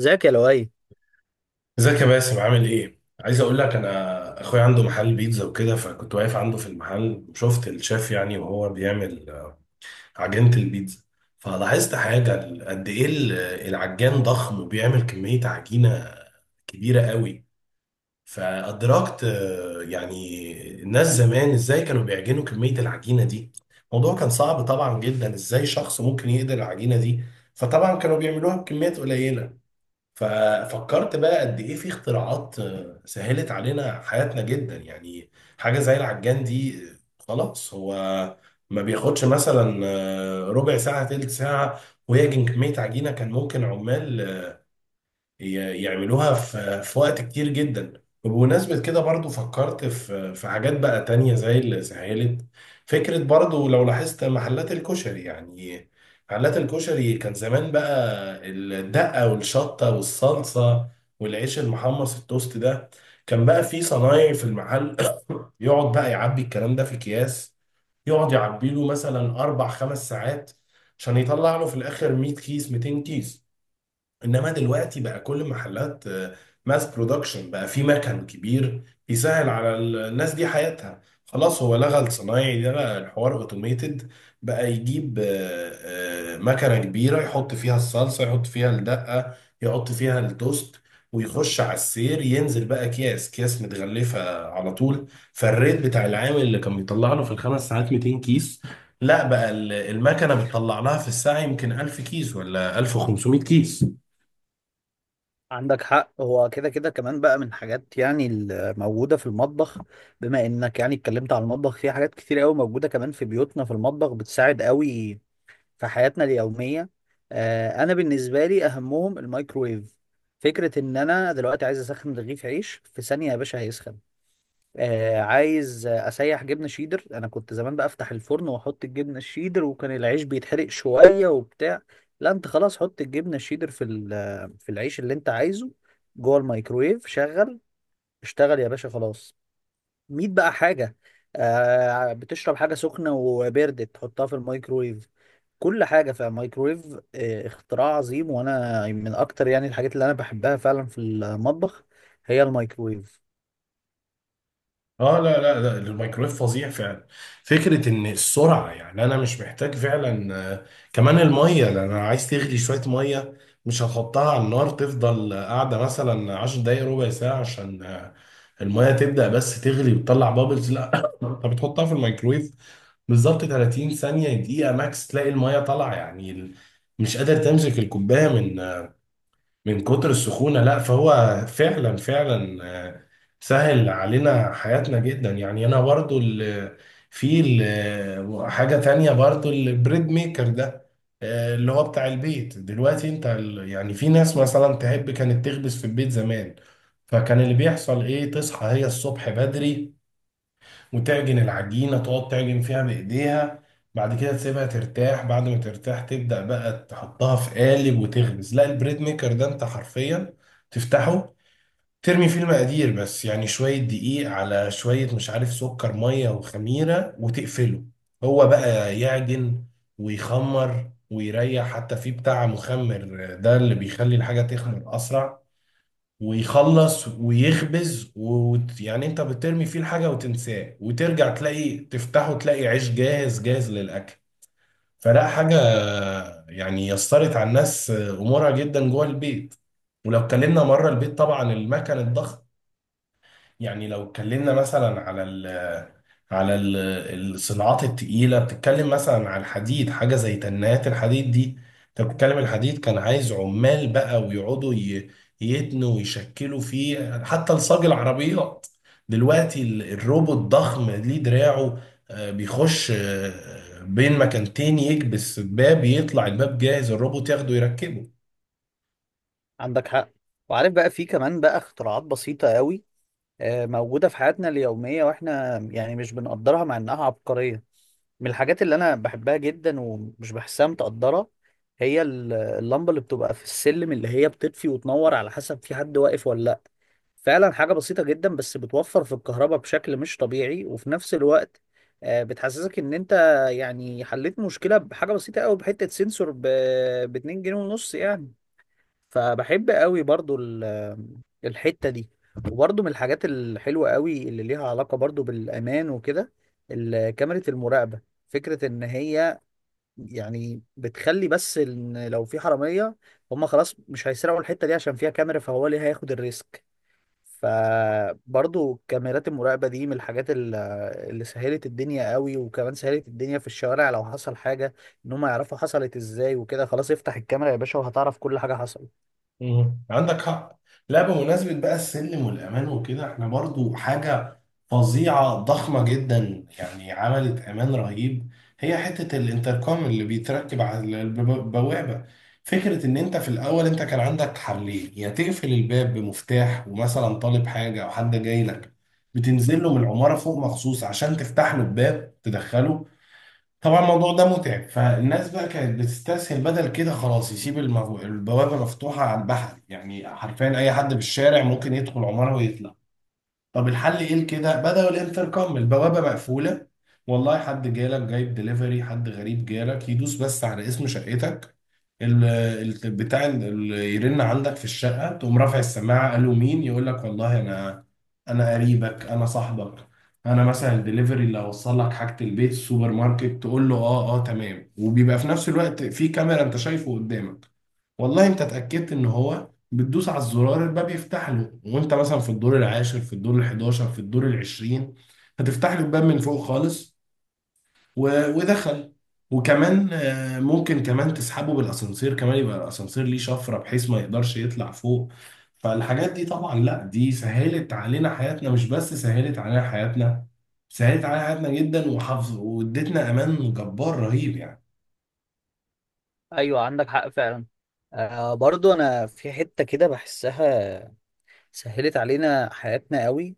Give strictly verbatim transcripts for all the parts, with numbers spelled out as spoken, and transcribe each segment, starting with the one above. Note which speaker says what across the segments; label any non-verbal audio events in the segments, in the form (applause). Speaker 1: ذاك يا لؤي.
Speaker 2: ازيك يا باسم، عامل ايه؟ عايز اقول لك، انا اخويا عنده محل بيتزا وكده، فكنت واقف عنده في المحل وشفت الشيف يعني وهو بيعمل آه، عجينة البيتزا. فلاحظت حاجة، ال- قد ايه ال- العجان ضخم وبيعمل كمية عجينة كبيرة قوي. فادركت آه، يعني الناس زمان ازاي كانوا بيعجنوا كمية العجينة دي. الموضوع كان صعب طبعا جدا، ازاي شخص ممكن يقدر العجينة دي. فطبعا كانوا بيعملوها بكميات قليلة. ففكرت بقى قد ايه في اختراعات آه، سهلت علينا حياتنا جدا يعني. حاجه زي العجان دي، آه، خلاص هو ما بياخدش مثلا آه، ربع ساعه تلت ساعه ويعجن كميه عجينه كان ممكن عمال ي- يعملوها في في وقت كتير جدا. وبمناسبة كده برضو فكرت في في حاجات بقى تانية زي اللي سهلت. فكرة برضو، لو لاحظت محلات الكشري يعني. محلات الكشري كان زمان بقى الدقة والشطة والصلصة والعيش المحمص التوست ده، كان بقى في صنايعي في المحل (coughs) يقعد بقى يعبي الكلام ده في اكياس، يقعد يعبي له مثلا اربع خمس ساعات عشان يطلع له في الاخر ميه كيس ميتين كيس. انما دلوقتي بقى كل المحلات ماس برودكشن، بقى في مكن كبير بيسهل على ال- الناس دي حياتها. خلاص هو لغى الصنايعي ده، بقى الحوار اوتوميتد، بقى يجيب آه، آه، مكنه كبيره، يحط فيها الصلصه، يحط فيها الدقه، يحط فيها التوست، ويخش على السير، ينزل بقى اكياس اكياس متغلفه على طول. فالريت بتاع العامل اللي كان بيطلع له في الخمس ساعات ميتين كيس، لا بقى ال- المكنه بتطلع لها في الساعه يمكن الف كيس ولا ألف وخمسمائة كيس.
Speaker 1: عندك حق، هو كده كده كمان بقى من حاجات يعني الموجودة في المطبخ. بما انك يعني اتكلمت على المطبخ، في حاجات كتير قوي موجودة كمان في بيوتنا في المطبخ، بتساعد قوي في حياتنا اليومية. آه انا بالنسبة لي اهمهم الميكرويف. فكرة ان انا دلوقتي عايز اسخن رغيف عيش في ثانية، يا باشا هيسخن. آه عايز اسيح جبنه شيدر، انا كنت زمان بفتح الفرن واحط الجبنه الشيدر وكان العيش بيتحرق شويه وبتاع. لا انت خلاص، حط الجبنه الشيدر في ال- في العيش اللي انت عايزه جوه الميكرويف، شغل اشتغل يا باشا، خلاص ميت بقى حاجه. آه بتشرب حاجه سخنه وبردت، تحطها في الميكرويف، كل حاجه في الميكرويف. آه اختراع عظيم، وانا من اكتر يعني الحاجات اللي انا بحبها فعلا في المطبخ هي الميكرويف.
Speaker 2: اه، لا لا لا، الميكرويف فظيع فعلا. فكره ان السرعه، يعني انا مش محتاج فعلا آه، كمان الميه، لان انا عايز تغلي شويه ميه، مش هتحطها على النار تفضل قاعده مثلا عشر دقائق ربع ساعه عشان آه، الميه تبدا بس تغلي وتطلع بابلز. لا (coughs) انت بتحطها في الميكرويف بالظبط ثلاثين ثانيه دقيقه ماكس تلاقي الميه طالعه، يعني ال- مش قادر تمسك الكوبايه من من كتر السخونة. لا فهو فعلا فعلا آه، سهل علينا حياتنا جدا يعني. انا برضو ال- في ال- حاجة تانية برضو، البريد ميكر ده، آه، اللي هو بتاع البيت. دلوقتي انت ال- يعني في ناس مثلا تحب كانت تخبز في البيت زمان، فكان اللي بيحصل ايه، تصحى هي الصبح بدري وتعجن العجينة، تقعد تعجن فيها بإيديها، بعد كده تسيبها ترتاح، بعد ما ترتاح تبدأ بقى تحطها في قالب وتخبز. لا البريد ميكر ده انت حرفيا تفتحه، ترمي فيه المقادير بس، يعني شوية دقيق على شوية مش عارف سكر مية وخميرة، وتقفله، هو بقى يعجن ويخمر ويريح، حتى فيه بتاع مخمر ده اللي بيخلي الحاجة تخمر أسرع، ويخلص ويخبز، ويعني انت بترمي فيه الحاجة وتنساه وترجع تلاقي، تفتحه تلاقي عيش جاهز جاهز للأكل. فلا، حاجة يعني يسرت على الناس أمورها جدا جوه البيت. ولو اتكلمنا مرة البيت طبعا، المكن الضخم، يعني لو اتكلمنا مثلا على ال على ال- الصناعات التقيلة، بتتكلم مثلا عن الحديد، حاجة زي تنات الحديد دي. انت بتتكلم الحديد كان عايز عمال بقى، ويقعدوا ي- يتنوا ويشكلوا فيه حتى لصاج العربيات. دلوقتي ال- الروبوت ضخم ليه دراعه، آه، بيخش آه، بين مكانتين، يكبس باب، يطلع الباب جاهز، الروبوت ياخده يركبه.
Speaker 1: عندك حق. وعارف بقى في كمان بقى اختراعات بسيطة قوي آه، موجودة في حياتنا اليومية، واحنا يعني مش بنقدرها مع انها عبقرية. من الحاجات اللي انا بحبها جدا ومش بحسها متقدرة، هي ال- اللمبة اللي بتبقى في السلم، اللي هي بتطفي وتنور على حسب في حد واقف ولا لا. فعلا حاجة بسيطة جدا، بس بتوفر في الكهرباء بشكل مش طبيعي، وفي نفس الوقت آه، بتحسسك ان انت يعني حليت مشكلة بحاجة بسيطة قوي، بحتة سنسور ب اتنين جنيه ونص يعني. فبحب قوي برضو ال- الحتة دي. وبرضو من الحاجات الحلوة قوي اللي ليها علاقة برضو بالأمان وكده، ال- كاميرا المراقبة. فكرة إن هي يعني بتخلي بس إن لو في حرامية، هما خلاص مش هيسرقوا الحتة دي عشان فيها كاميرا، فهو اللي هياخد الريسك. فبرضو كاميرات المراقبة دي من الحاجات ال- اللي سهلت الدنيا قوي، وكمان سهلت الدنيا في الشوارع لو حصل حاجة، إن هما يعرفوا حصلت إزاي وكده، خلاص افتح الكاميرا يا باشا وهتعرف كل حاجة حصلت.
Speaker 2: مم. عندك حق. لا بمناسبة بقى السلم والأمان وكده، احنا برضو حاجة فظيعة ضخمة جدا يعني عملت أمان رهيب، هي حتة الانتركم اللي بيتركب على الب- البوابة. فكرة إن أنت في الأول، أنت كان عندك حلين، يا تقفل الباب بمفتاح، ومثلا طالب حاجة أو حد جاي لك بتنزل له من العمارة فوق مخصوص عشان تفتح له الباب تدخله. طبعا الموضوع ده متعب، فالناس بقى كانت بتستسهل بدل كده، خلاص يسيب المغو... البوابة مفتوحة على البحر، يعني حرفيا أي حد بالشارع ممكن يدخل عمارة ويطلع. طب الحل ايه؟ كده بدأوا الانتركم، البوابة مقفولة، والله حد جالك جايب دليفري، حد غريب جالك، يدوس بس على اسم شقتك، ال- ال- بتاع ال- ال- يرن عندك في الشقة، تقوم رافع السماعة، قالوا مين، يقول لك والله انا، انا قريبك، انا صاحبك، انا مثلا الدليفري اللي هوصل لك حاجة البيت السوبر ماركت، تقول له اه اه تمام. وبيبقى في نفس الوقت في كاميرا انت شايفه قدامك، والله انت اتأكدت ان هو، بتدوس على الزرار، الباب يفتح له. وانت مثلا في الدور العاشر، في الدور الحداشر، في الدور العشرين، هتفتح له الباب من فوق خالص و... ودخل. وكمان آه، ممكن كمان تسحبه بالاسانسير، كمان يبقى الاسانسير ليه شفرة بحيث ما يقدرش يطلع فوق. فالحاجات دي طبعا، لا دي سهلت علينا حياتنا، مش بس سهلت علينا حياتنا، سهلت علينا حياتنا جدا وحفظ وادتنا امان جبار رهيب يعني.
Speaker 1: ايوه، عندك حق فعلا. آه برضو انا في حته كده بحسها سهلت علينا حياتنا قوي،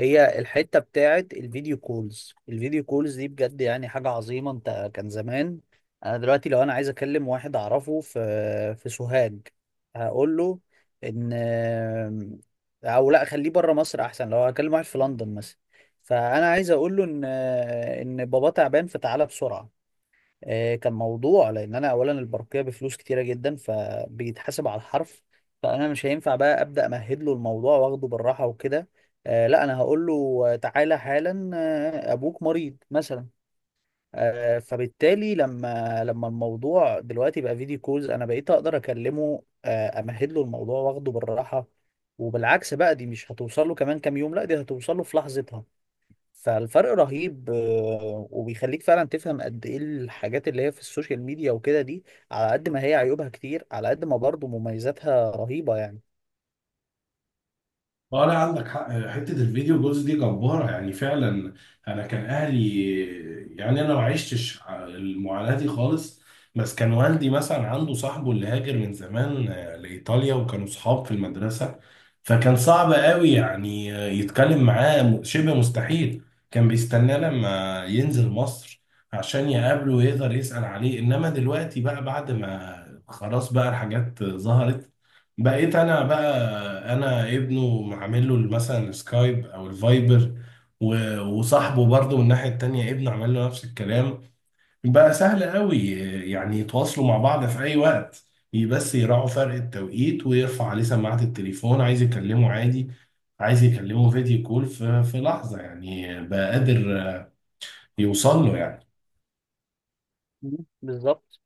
Speaker 1: هي الحته بتاعت الفيديو كولز. الفيديو كولز دي بجد يعني حاجه عظيمه. انت كان زمان، انا دلوقتي لو انا عايز اكلم واحد اعرفه في في سوهاج هقول له ان، او لا خليه بره مصر احسن، لو هكلم واحد في لندن مثلا، فانا عايز اقول له ان ان بابا تعبان فتعالى بسرعه. آه، كان موضوع، لان انا اولا البرقيه بفلوس كتيره جدا، فبيتحاسب على الحرف، فانا مش هينفع بقى ابدا امهد له الموضوع واخده بالراحه وكده. آه، لا انا هقول له آه، تعالى حالا، آه، ابوك مريض مثلا. آه، فبالتالي لما لما الموضوع دلوقتي بقى فيديو كولز، انا بقيت اقدر اكلمه، آه، امهد له الموضوع واخده بالراحه، وبالعكس بقى دي مش هتوصل له كمان كام يوم، لا دي هتوصل له في لحظتها. فالفرق رهيب، آه، وبيخليك فعلا تفهم قد ايه الحاجات اللي هي في السوشيال ميديا وكده، دي على قد ما هي عيوبها كتير، على قد ما برضه مميزاتها رهيبة يعني.
Speaker 2: اه لا، عندك حق، حته الفيديو جولز دي جباره يعني فعلا. انا كان اهلي، يعني انا ما عشتش المعاناه دي خالص، بس كان والدي مثلا عنده صاحبه اللي هاجر من زمان آه، لايطاليا، وكانوا صحاب في المدرسه. فكان صعب قوي يعني آه، يتكلم معاه، م- شبه مستحيل، كان بيستناه لما ينزل مصر عشان يقابله ويقدر يسأل عليه. انما دلوقتي بقى بعد ما خلاص بقى الحاجات ظهرت، بقيت انا بقى، انا ابنه معامل له مثلا السكايب او الفايبر، و- وصاحبه برضه من الناحيه التانيه ابنه عمل له نفس الكلام. بقى سهل قوي يعني يتواصلوا مع بعض في اي وقت، ي- بس يراعوا فرق التوقيت ويرفع عليه سماعه التليفون عايز يكلمه عادي، عايز يكلمه فيديو كول في في لحظه، يعني بقى قادر يوصل له يعني.
Speaker 1: مم. بالظبط.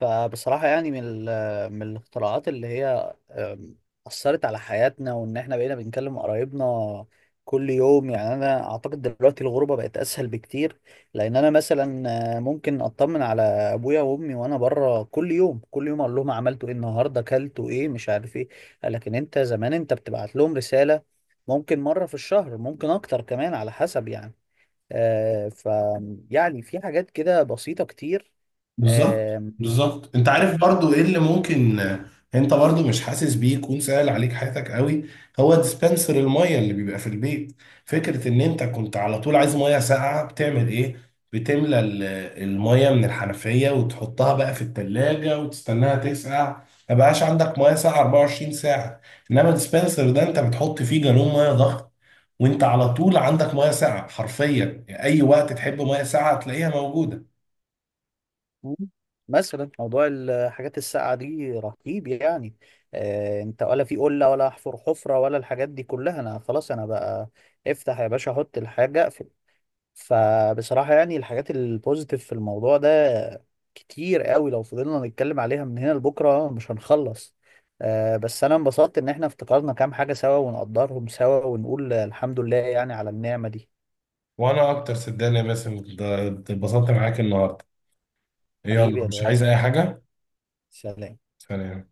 Speaker 1: فبصراحة يعني من ال- من الاختراعات اللي هي أم، أثرت على حياتنا، وإن إحنا بقينا بنكلم قرايبنا كل يوم، يعني أنا أعتقد دلوقتي الغربة بقت أسهل بكتير، لأن أنا مثلا آه، ممكن أطمن على أبويا وأمي وأنا بره كل يوم كل يوم، أقول لهم عملتوا إيه النهاردة أكلتوا إيه مش عارف إيه. لكن أنت زمان أنت بتبعت لهم رسالة ممكن مرة في الشهر ممكن أكتر كمان على حسب يعني. آه، ف يعني في حاجات كده بسيطة كتير.
Speaker 2: بالظبط.
Speaker 1: آم،
Speaker 2: بالظبط انت عارف برضو ايه اللي ممكن آه، انت برضو مش حاسس بيه يكون سهل عليك حياتك قوي؟ هو ديسبنسر المية اللي بيبقى في البيت. فكرة ان انت كنت على طول عايز مية ساقعة، بتعمل ايه، بتملى ال- المية من الحنفية وتحطها بقى في التلاجة وتستناها تسقع، ما بقاش عندك مية ساقعة اربعه وعشرين ساعة. انما الديسبنسر ده انت بتحط فيه جالون مية ضغط، وانت على طول عندك مية ساقعة حرفيا، يعني اي وقت تحب مية ساقعة تلاقيها موجودة.
Speaker 1: مم. مثلا موضوع الحاجات الساقعة دي رهيب يعني. آه انت ولا في قلة ولا احفر حفرة ولا الحاجات دي كلها، انا خلاص انا بقى افتح يا باشا احط الحاجة اقفل. فبصراحة يعني الحاجات البوزيتيف في الموضوع ده كتير قوي، لو فضلنا نتكلم عليها من هنا لبكرة مش هنخلص. آه بس انا انبسطت ان احنا افتكرنا كام حاجة سوا ونقدرهم سوا، ونقول الحمد لله يعني على النعمة دي.
Speaker 2: وانا اكتر، صدقني يا باسم، ده- اتبسطت معاك النهارده.
Speaker 1: حبيبي
Speaker 2: يلا،
Speaker 1: يا
Speaker 2: مش
Speaker 1: لؤي،
Speaker 2: عايز اي حاجه.
Speaker 1: سلام.
Speaker 2: سلام.